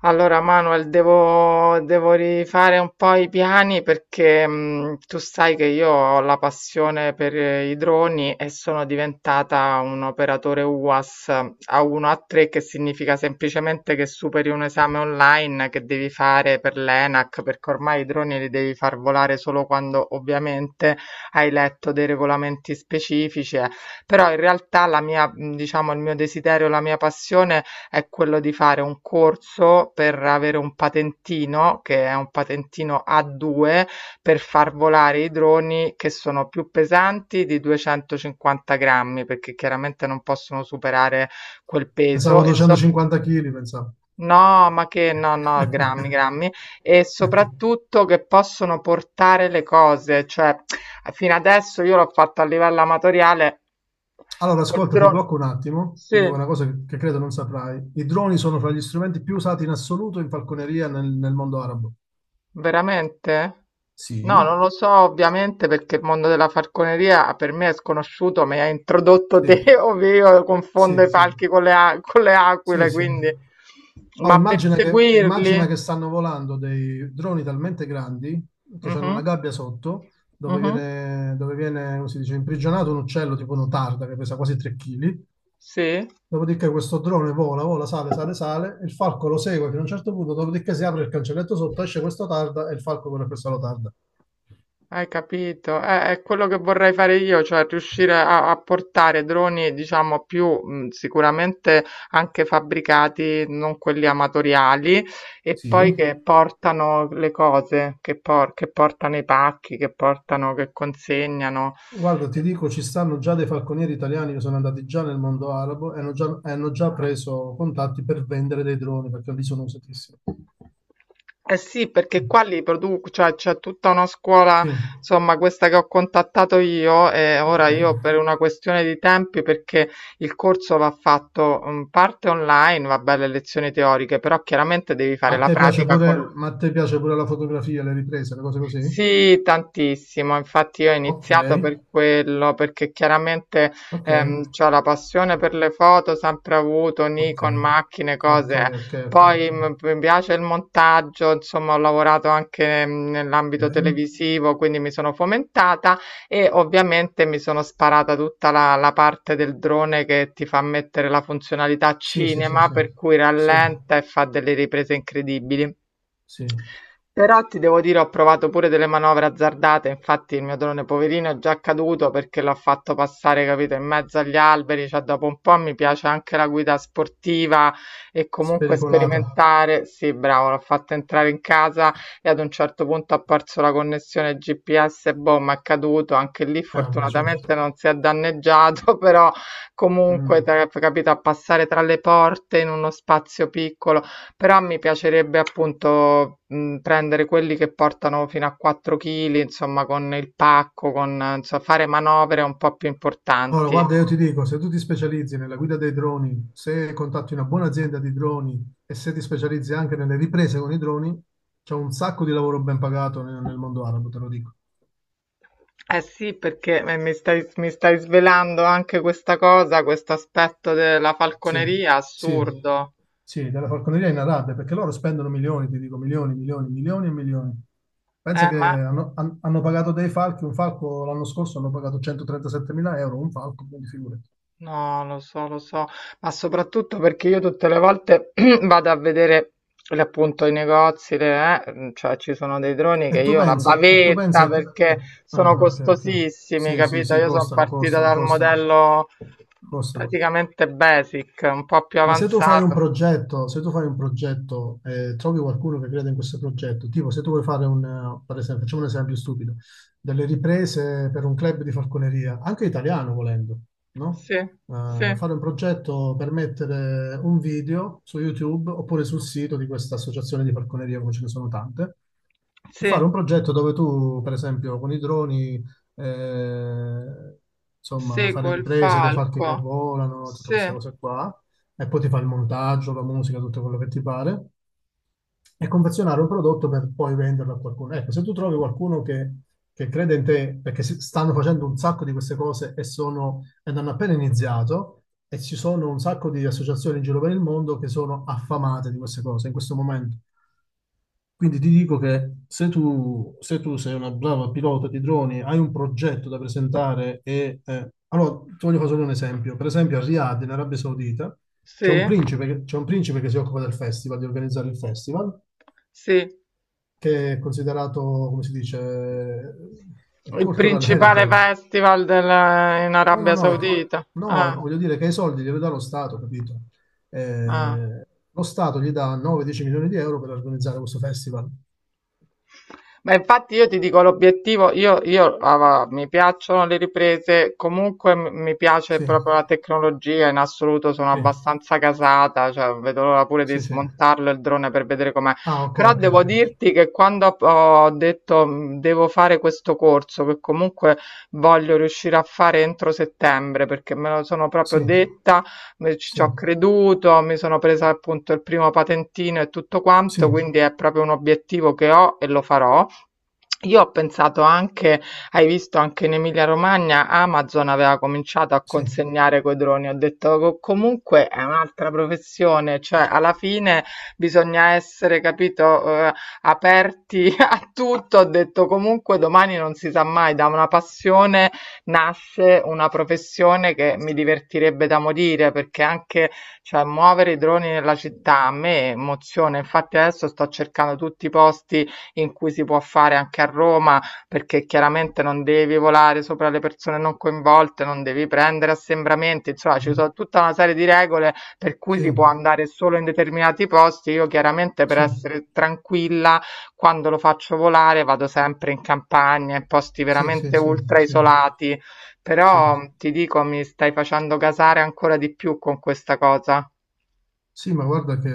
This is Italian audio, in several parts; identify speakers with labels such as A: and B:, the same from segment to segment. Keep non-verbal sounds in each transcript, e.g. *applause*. A: Allora Manuel, devo rifare un po' i piani perché tu sai che io ho la passione per i droni e sono diventata un operatore UAS a 1 a 3, che significa semplicemente che superi un esame online che devi fare per l'ENAC, perché ormai i droni li devi far volare solo quando ovviamente hai letto dei regolamenti specifici, eh. Però in realtà diciamo, il mio desiderio, la mia passione è quello di fare un corso per avere un patentino, che è un patentino A2, per far volare i droni che sono più pesanti di 250 grammi, perché chiaramente non possono superare quel
B: Pensavo
A: peso e
B: 250 kg, pensavo.
A: no, ma che no, no, grammi,
B: *laughs*
A: grammi, e soprattutto che possono portare le cose, cioè fino adesso io l'ho fatto a livello amatoriale
B: Allora,
A: col
B: ascolta, ti
A: drone.
B: blocco un attimo, ti dico
A: Sì.
B: una cosa che credo non saprai. I droni sono fra gli strumenti più usati in assoluto in falconeria nel mondo arabo.
A: Veramente? No,
B: Sì.
A: non lo so ovviamente perché il mondo della falconeria per me è sconosciuto, mi hai introdotto
B: Sì,
A: te, *laughs* ovvero io confondo i
B: sì, sì,
A: falchi con con le
B: sì,
A: aquile,
B: sì.
A: quindi...
B: Oh,
A: Ma
B: immagina che, immagina
A: perseguirli?
B: che stanno volando dei droni talmente grandi che hanno una
A: Mhm,
B: gabbia sotto dove
A: mhm,
B: viene, dove viene, come si dice, imprigionato un uccello tipo un'otarda che pesa quasi 3 kg.
A: sì.
B: Dopodiché questo drone vola, vola, sale, sale, sale, il falco lo segue fino a un certo punto, dopodiché si apre il cancelletto sotto, esce questo tarda e il falco corre questo lo tarda.
A: Hai capito? È quello che vorrei fare io, cioè riuscire a portare droni, diciamo, più sicuramente anche fabbricati, non quelli amatoriali, e poi
B: Sì.
A: che portano le cose, che portano i pacchi, che portano, che consegnano.
B: Guarda, ti dico, ci stanno già dei falconieri italiani che sono andati già nel mondo arabo e hanno già preso contatti per vendere dei droni perché lì sono usatissimi.
A: Eh sì, perché qua li produco, cioè c'è tutta una scuola,
B: Sì,
A: insomma, questa che ho contattato io. E ora
B: ok.
A: io, per una questione di tempi, perché il corso va fatto, parte online, vabbè, le lezioni teoriche, però chiaramente devi
B: Ma
A: fare
B: a
A: la
B: te piace
A: pratica
B: pure,
A: con...
B: ma a te piace pure la fotografia, le riprese, le cose così?
A: Sì, tantissimo, infatti io ho
B: Ok,
A: iniziato per quello, perché chiaramente
B: ok,
A: c'ho la passione per le foto, sempre avuto,
B: ok,
A: Nikon, macchine,
B: ok,
A: cose.
B: ok, ok, ok,
A: Poi mi piace il montaggio, insomma, ho lavorato anche nell'ambito
B: ok.
A: televisivo, quindi mi sono fomentata e ovviamente mi sono sparata tutta la parte del drone che ti fa mettere la funzionalità
B: Sì, sì, sì,
A: cinema,
B: sì,
A: per cui
B: sì,
A: rallenta e fa delle riprese incredibili.
B: sì,
A: Però ti devo dire, ho provato pure delle manovre azzardate, infatti il mio drone poverino è già caduto perché l'ho fatto passare, capito, in mezzo agli alberi, cioè dopo un po' mi piace anche la guida sportiva e comunque
B: spericolata.
A: sperimentare. Sì, bravo, l'ho fatto entrare in casa e ad un certo punto ha perso la connessione GPS, boh, ma è caduto, anche lì
B: Vabbè,
A: fortunatamente
B: certo.
A: non si è danneggiato, *laughs* però comunque,
B: Mm.
A: capito, a passare tra le porte in uno spazio piccolo, però mi piacerebbe appunto prendere quelli che portano fino a 4 kg, insomma, con il pacco, con insomma, fare manovre un po' più
B: Allora,
A: importanti.
B: guarda, io ti dico, se tu ti specializzi nella guida dei droni, se contatti una buona azienda di droni e se ti specializzi anche nelle riprese con i droni, c'è un sacco di lavoro ben pagato nel mondo arabo, te lo dico.
A: Eh sì, perché mi stai svelando anche questa cosa, questo aspetto della
B: Sì,
A: falconeria
B: sì,
A: assurdo.
B: sì, della falconeria in Arabia, perché loro spendono milioni, ti dico milioni, milioni, milioni e milioni. Pensa che
A: Ma
B: hanno pagato dei falchi, un falco l'anno scorso hanno pagato 137.000 euro, un falco, quindi figurati.
A: no, lo so, ma soprattutto perché io tutte le volte *clears throat* vado a vedere appunto i negozi, cioè ci sono dei droni che io la
B: E tu
A: bavetta
B: pensa che...
A: perché
B: e- ah,
A: sono
B: ok, ok.
A: costosissimi,
B: Sì, sì,
A: capito?
B: sì,
A: Io sono
B: costano,
A: partita
B: costano,
A: dal
B: costano.
A: modello
B: Costano.
A: praticamente basic, un po' più
B: Ma se tu fai un
A: avanzato.
B: progetto, se tu fai un progetto e trovi qualcuno che crede in questo progetto, tipo se tu vuoi fare per esempio, facciamo un esempio stupido, delle riprese per un club di falconeria, anche italiano volendo, no?
A: Sì, sì,
B: Fare un progetto per mettere un video su YouTube oppure sul sito di questa associazione di falconeria, come ce ne sono tante, e
A: sì,
B: fare un progetto dove tu, per esempio, con i droni, eh, insomma, fare
A: seguo il
B: riprese dei falchi
A: falco.
B: che volano, tutte
A: Sì,
B: queste cose qua e poi ti fa il montaggio, la musica, tutto quello che ti pare, e confezionare un prodotto per poi venderlo a qualcuno. Ecco, se tu trovi qualcuno che crede in te, perché stanno facendo un sacco di queste cose e, sono, ed hanno appena iniziato, e ci sono un sacco di associazioni in giro per il mondo che sono affamate di queste cose in questo momento. Quindi ti dico che se tu sei una brava pilota di droni, hai un progetto da presentare allora, ti voglio fare solo un esempio. Per esempio, a Riyadh, in Arabia Saudita, c'è
A: sì,
B: un principe, che- c'è un principe che si occupa del festival, di organizzare il festival,
A: sì.
B: che è considerato, come si dice,
A: Il
B: cultural
A: principale
B: heritage.
A: festival in
B: No, no,
A: Arabia
B: no,
A: Saudita. Ah,
B: no, voglio dire che i soldi li dà lo Stato, capito?
A: ah.
B: Lo Stato gli dà 9-10 milioni di euro per organizzare questo festival.
A: Ma infatti io ti dico l'obiettivo, mi piacciono le riprese, comunque mi piace
B: Sì.
A: proprio la tecnologia, in assoluto sono
B: Sì,
A: abbastanza casata, cioè vedo l'ora pure di
B: sì, sì.
A: smontarlo il drone per vedere com'è.
B: Ah, ok,
A: Però
B: ok,
A: devo
B: ok.
A: dirti che quando ho detto devo fare questo corso, che comunque voglio riuscire a fare entro settembre, perché me lo sono proprio
B: Sì,
A: detta, ci
B: sì,
A: ho creduto, mi sono presa appunto il primo patentino e tutto quanto,
B: sì,
A: quindi è proprio un obiettivo che ho e lo farò. Io ho pensato anche, hai visto anche in Emilia Romagna Amazon aveva cominciato a
B: sì,
A: consegnare coi droni, ho detto comunque è un'altra professione, cioè alla fine bisogna essere, capito, aperti *laughs* a tutto", ho detto comunque domani non si sa mai, da una passione nasce una professione che mi divertirebbe da morire, perché anche, cioè, muovere i droni nella città a me emoziona, infatti adesso sto cercando tutti i posti in cui si può fare anche a Roma, perché chiaramente non devi volare sopra le persone non coinvolte, non devi prendere assembramenti, insomma ci
B: mm,
A: sono tutta una serie di regole per cui si
B: sì,
A: può andare solo in determinati posti. Io chiaramente, per
B: sì,
A: essere tranquilla, quando lo faccio volare vado sempre in campagna, in posti
B: sì, sì,
A: veramente
B: sì,
A: ultra
B: sì,
A: isolati,
B: sì.
A: però ti dico mi stai facendo gasare ancora di più con questa cosa.
B: Sì, ma guarda che...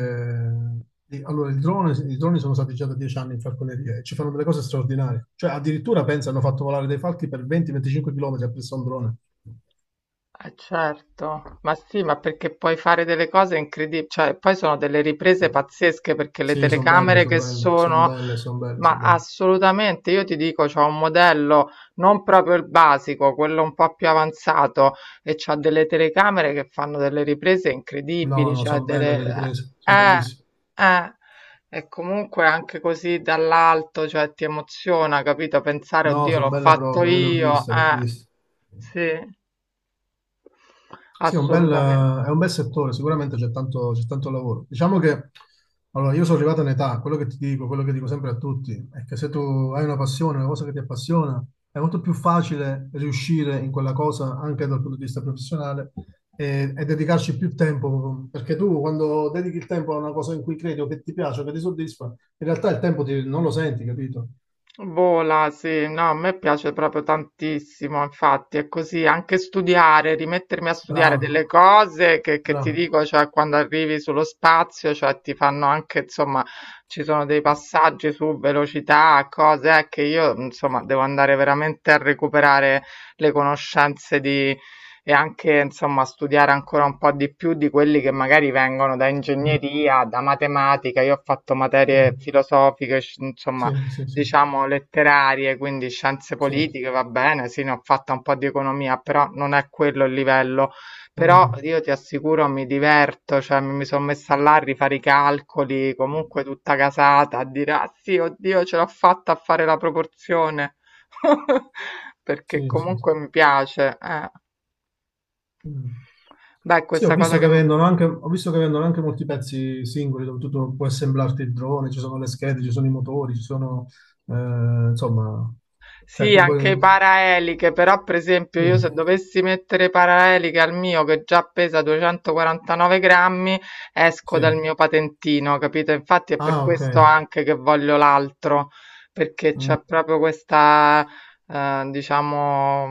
B: di- Allora, il drone, i droni sono stati già da 10 anni in falconeria e ci fanno delle cose straordinarie. Cioè, addirittura, pensa, hanno fatto volare dei falchi per 20-25 km appresso a un drone.
A: Eh certo, ma sì, ma perché puoi fare delle cose incredibili, cioè poi sono delle
B: Sì,
A: riprese pazzesche perché le
B: sì, sono belle,
A: telecamere
B: sono
A: che
B: belle, sono
A: sono,
B: belle, sono belle,
A: ma
B: sono belle.
A: assolutamente, io ti dico, c'ho un modello non proprio il basico, quello un po' più avanzato e c'ha delle telecamere che fanno delle riprese
B: No,
A: incredibili,
B: no,
A: cioè
B: sono belle
A: delle...
B: le riprese,
A: Eh,
B: sono
A: eh,
B: bellissime.
A: eh. E comunque anche così dall'alto, cioè ti emoziona, capito? Pensare,
B: No,
A: oddio,
B: sono
A: l'ho
B: belle
A: fatto
B: proprio, io le ho
A: io,
B: viste, le ho viste.
A: sì,
B: Sì, è un bel,
A: assolutamente.
B: è un bel settore, sicuramente c'è tanto lavoro. Diciamo che, allora, io sono arrivato in età, quello che ti dico, quello che dico sempre a tutti, è che se tu hai una passione, una cosa che ti appassiona, è molto più facile riuscire in quella cosa anche dal punto di vista professionale e dedicarci più tempo, perché tu quando dedichi il tempo a una cosa in cui credi o che ti piace o che ti soddisfa, in realtà il tempo non lo senti, capito?
A: Vola, sì, no, a me piace proprio tantissimo, infatti è così, anche studiare, rimettermi a studiare
B: Bravo,
A: delle cose che ti
B: bravo.
A: dico, cioè quando arrivi sullo spazio, cioè ti fanno anche, insomma, ci sono dei passaggi su velocità, cose che io, insomma, devo andare veramente a recuperare le conoscenze di... E anche, insomma, studiare ancora un po' di più di quelli che magari vengono da
B: Mm,
A: ingegneria, da matematica. Io ho fatto
B: sì,
A: materie filosofiche, insomma,
B: sì, sì, sì.
A: diciamo, letterarie, quindi scienze
B: Sì,
A: politiche, va bene, sì, ne ho fatta un po' di economia, però non è quello il livello. Però
B: mm.
A: io ti assicuro mi diverto, cioè mi sono messa là a rifare i calcoli, comunque tutta casata, a dire, ah sì, oddio, ce l'ho fatta a fare la proporzione, *laughs* perché
B: Sì, sì, sì.
A: comunque mi piace.
B: Mm.
A: Beh,
B: Sì, ho
A: questa cosa
B: visto
A: che...
B: che vendono anche, ho visto che vendono anche molti pezzi singoli dove tu puoi assemblarti il drone, ci sono le schede, ci sono i motori, ci sono, eh, insomma, cioè
A: Sì,
B: tu puoi.
A: anche i paraeliche, però per esempio
B: Sì,
A: io se dovessi mettere paraeliche al mio che già pesa 249 grammi, esco
B: sì.
A: dal mio patentino, capito? Infatti è per
B: Ah, ok.
A: questo anche che voglio l'altro, perché
B: Mm,
A: c'è proprio questa, diciamo,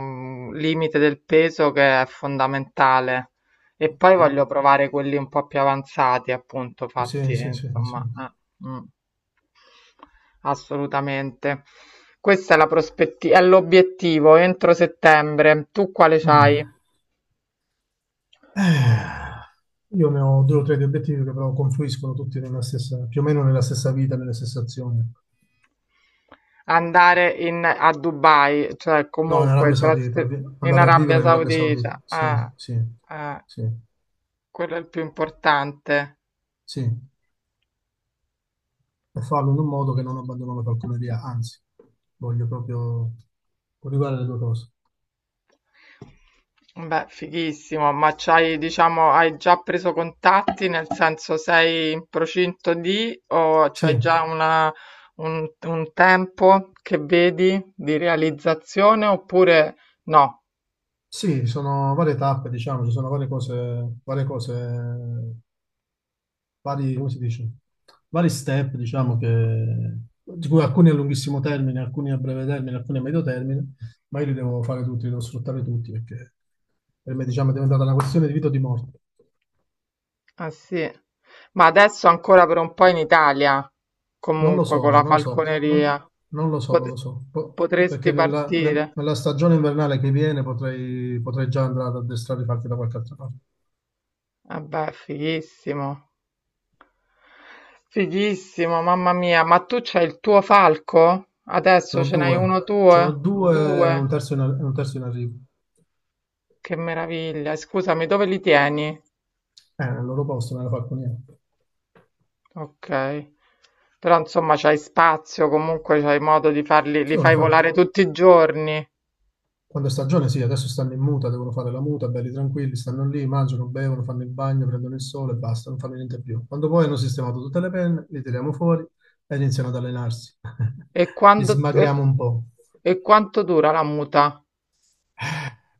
A: limite del peso che è fondamentale. E poi
B: ok.
A: voglio provare quelli un po' più avanzati, appunto, fatti,
B: Sì, sì, sì, sì.
A: insomma. eh, mm. Assolutamente. Questa è la prospettiva, è l'obiettivo entro settembre. Tu quale c'hai?
B: Mm. Eh, io ne ho due o tre di obiettivi che però confluiscono tutti nella stessa, più o meno nella stessa vita, nelle stesse azioni.
A: Andare in, a Dubai, cioè
B: No, in
A: comunque
B: Arabia Saudita,
A: in
B: andare a
A: Arabia
B: vivere in Arabia Saudita,
A: Saudita,
B: sì, sì,
A: eh,
B: sì,
A: quello è il più importante.
B: sì, e farlo in un modo che non abbandono la falconeria, anzi, voglio proprio coniugare le due cose.
A: Beh, fighissimo, ma c'hai, diciamo, hai già preso contatti, nel senso sei in procinto di o c'hai
B: Sì,
A: già una, un tempo che vedi di realizzazione oppure no?
B: sì, ci sono varie tappe, diciamo, ci sono varie cose, vari, come si dice, vari step, diciamo, di cui alcuni a lunghissimo termine, alcuni a breve termine, alcuni a medio termine, ma io li devo fare tutti, li devo sfruttare tutti, perché per me, diciamo, è diventata una questione di vita o di morte.
A: Ah sì, ma adesso ancora per un po' in Italia,
B: Non lo
A: comunque con
B: so,
A: la
B: non lo so,
A: falconeria,
B: non lo so, non lo
A: Pot-
B: so, perché
A: potresti
B: nella, nel-
A: partire?
B: nella stagione invernale che viene potrei già andare ad addestrare i fatti da qualche altra parte.
A: Eh beh, fighissimo. Fighissimo, mamma mia, ma tu c'hai il tuo falco?
B: Ce
A: Adesso
B: n'ho
A: ce n'hai
B: due,
A: uno
B: ce n'ho
A: tuo? Due?
B: due, un terzo in arrivo.
A: Che meraviglia. E scusami, dove li tieni?
B: Nel loro posto, nella falconiera.
A: Ok. Però insomma c'hai spazio, comunque c'hai modo di farli, li
B: Sì, una
A: fai
B: falco.
A: volare tutti i giorni.
B: Quando è stagione, sì, adesso stanno in muta, devono fare la muta, belli tranquilli, stanno lì, mangiano, bevono, fanno il bagno, prendono il sole e basta, non fanno niente più. Quando poi hanno sistemato tutte le penne, li tiriamo fuori e iniziano ad allenarsi. *laughs*
A: E
B: Li
A: quando,
B: smagriamo un po'.
A: e quanto dura la muta?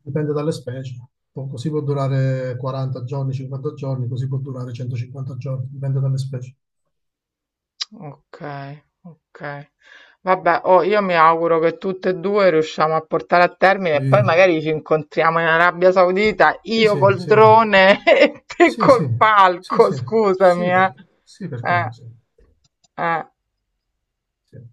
B: Dipende dalle specie. Così può durare 40 giorni, 50 giorni, così può durare 150 giorni, dipende dalle specie.
A: Okay, okay. Vabbè, oh, io mi auguro che tutte e due riusciamo a portare a termine e
B: Sì,
A: poi magari ci incontriamo in Arabia Saudita,
B: sì,
A: io
B: sì,
A: col
B: sì,
A: drone *laughs* e te
B: sì, sì,
A: col
B: sì,
A: palco,
B: sì,
A: scusami,
B: sì,
A: eh.
B: perché, sì, perché no,
A: Eh,
B: sì,
A: eh.
B: sì.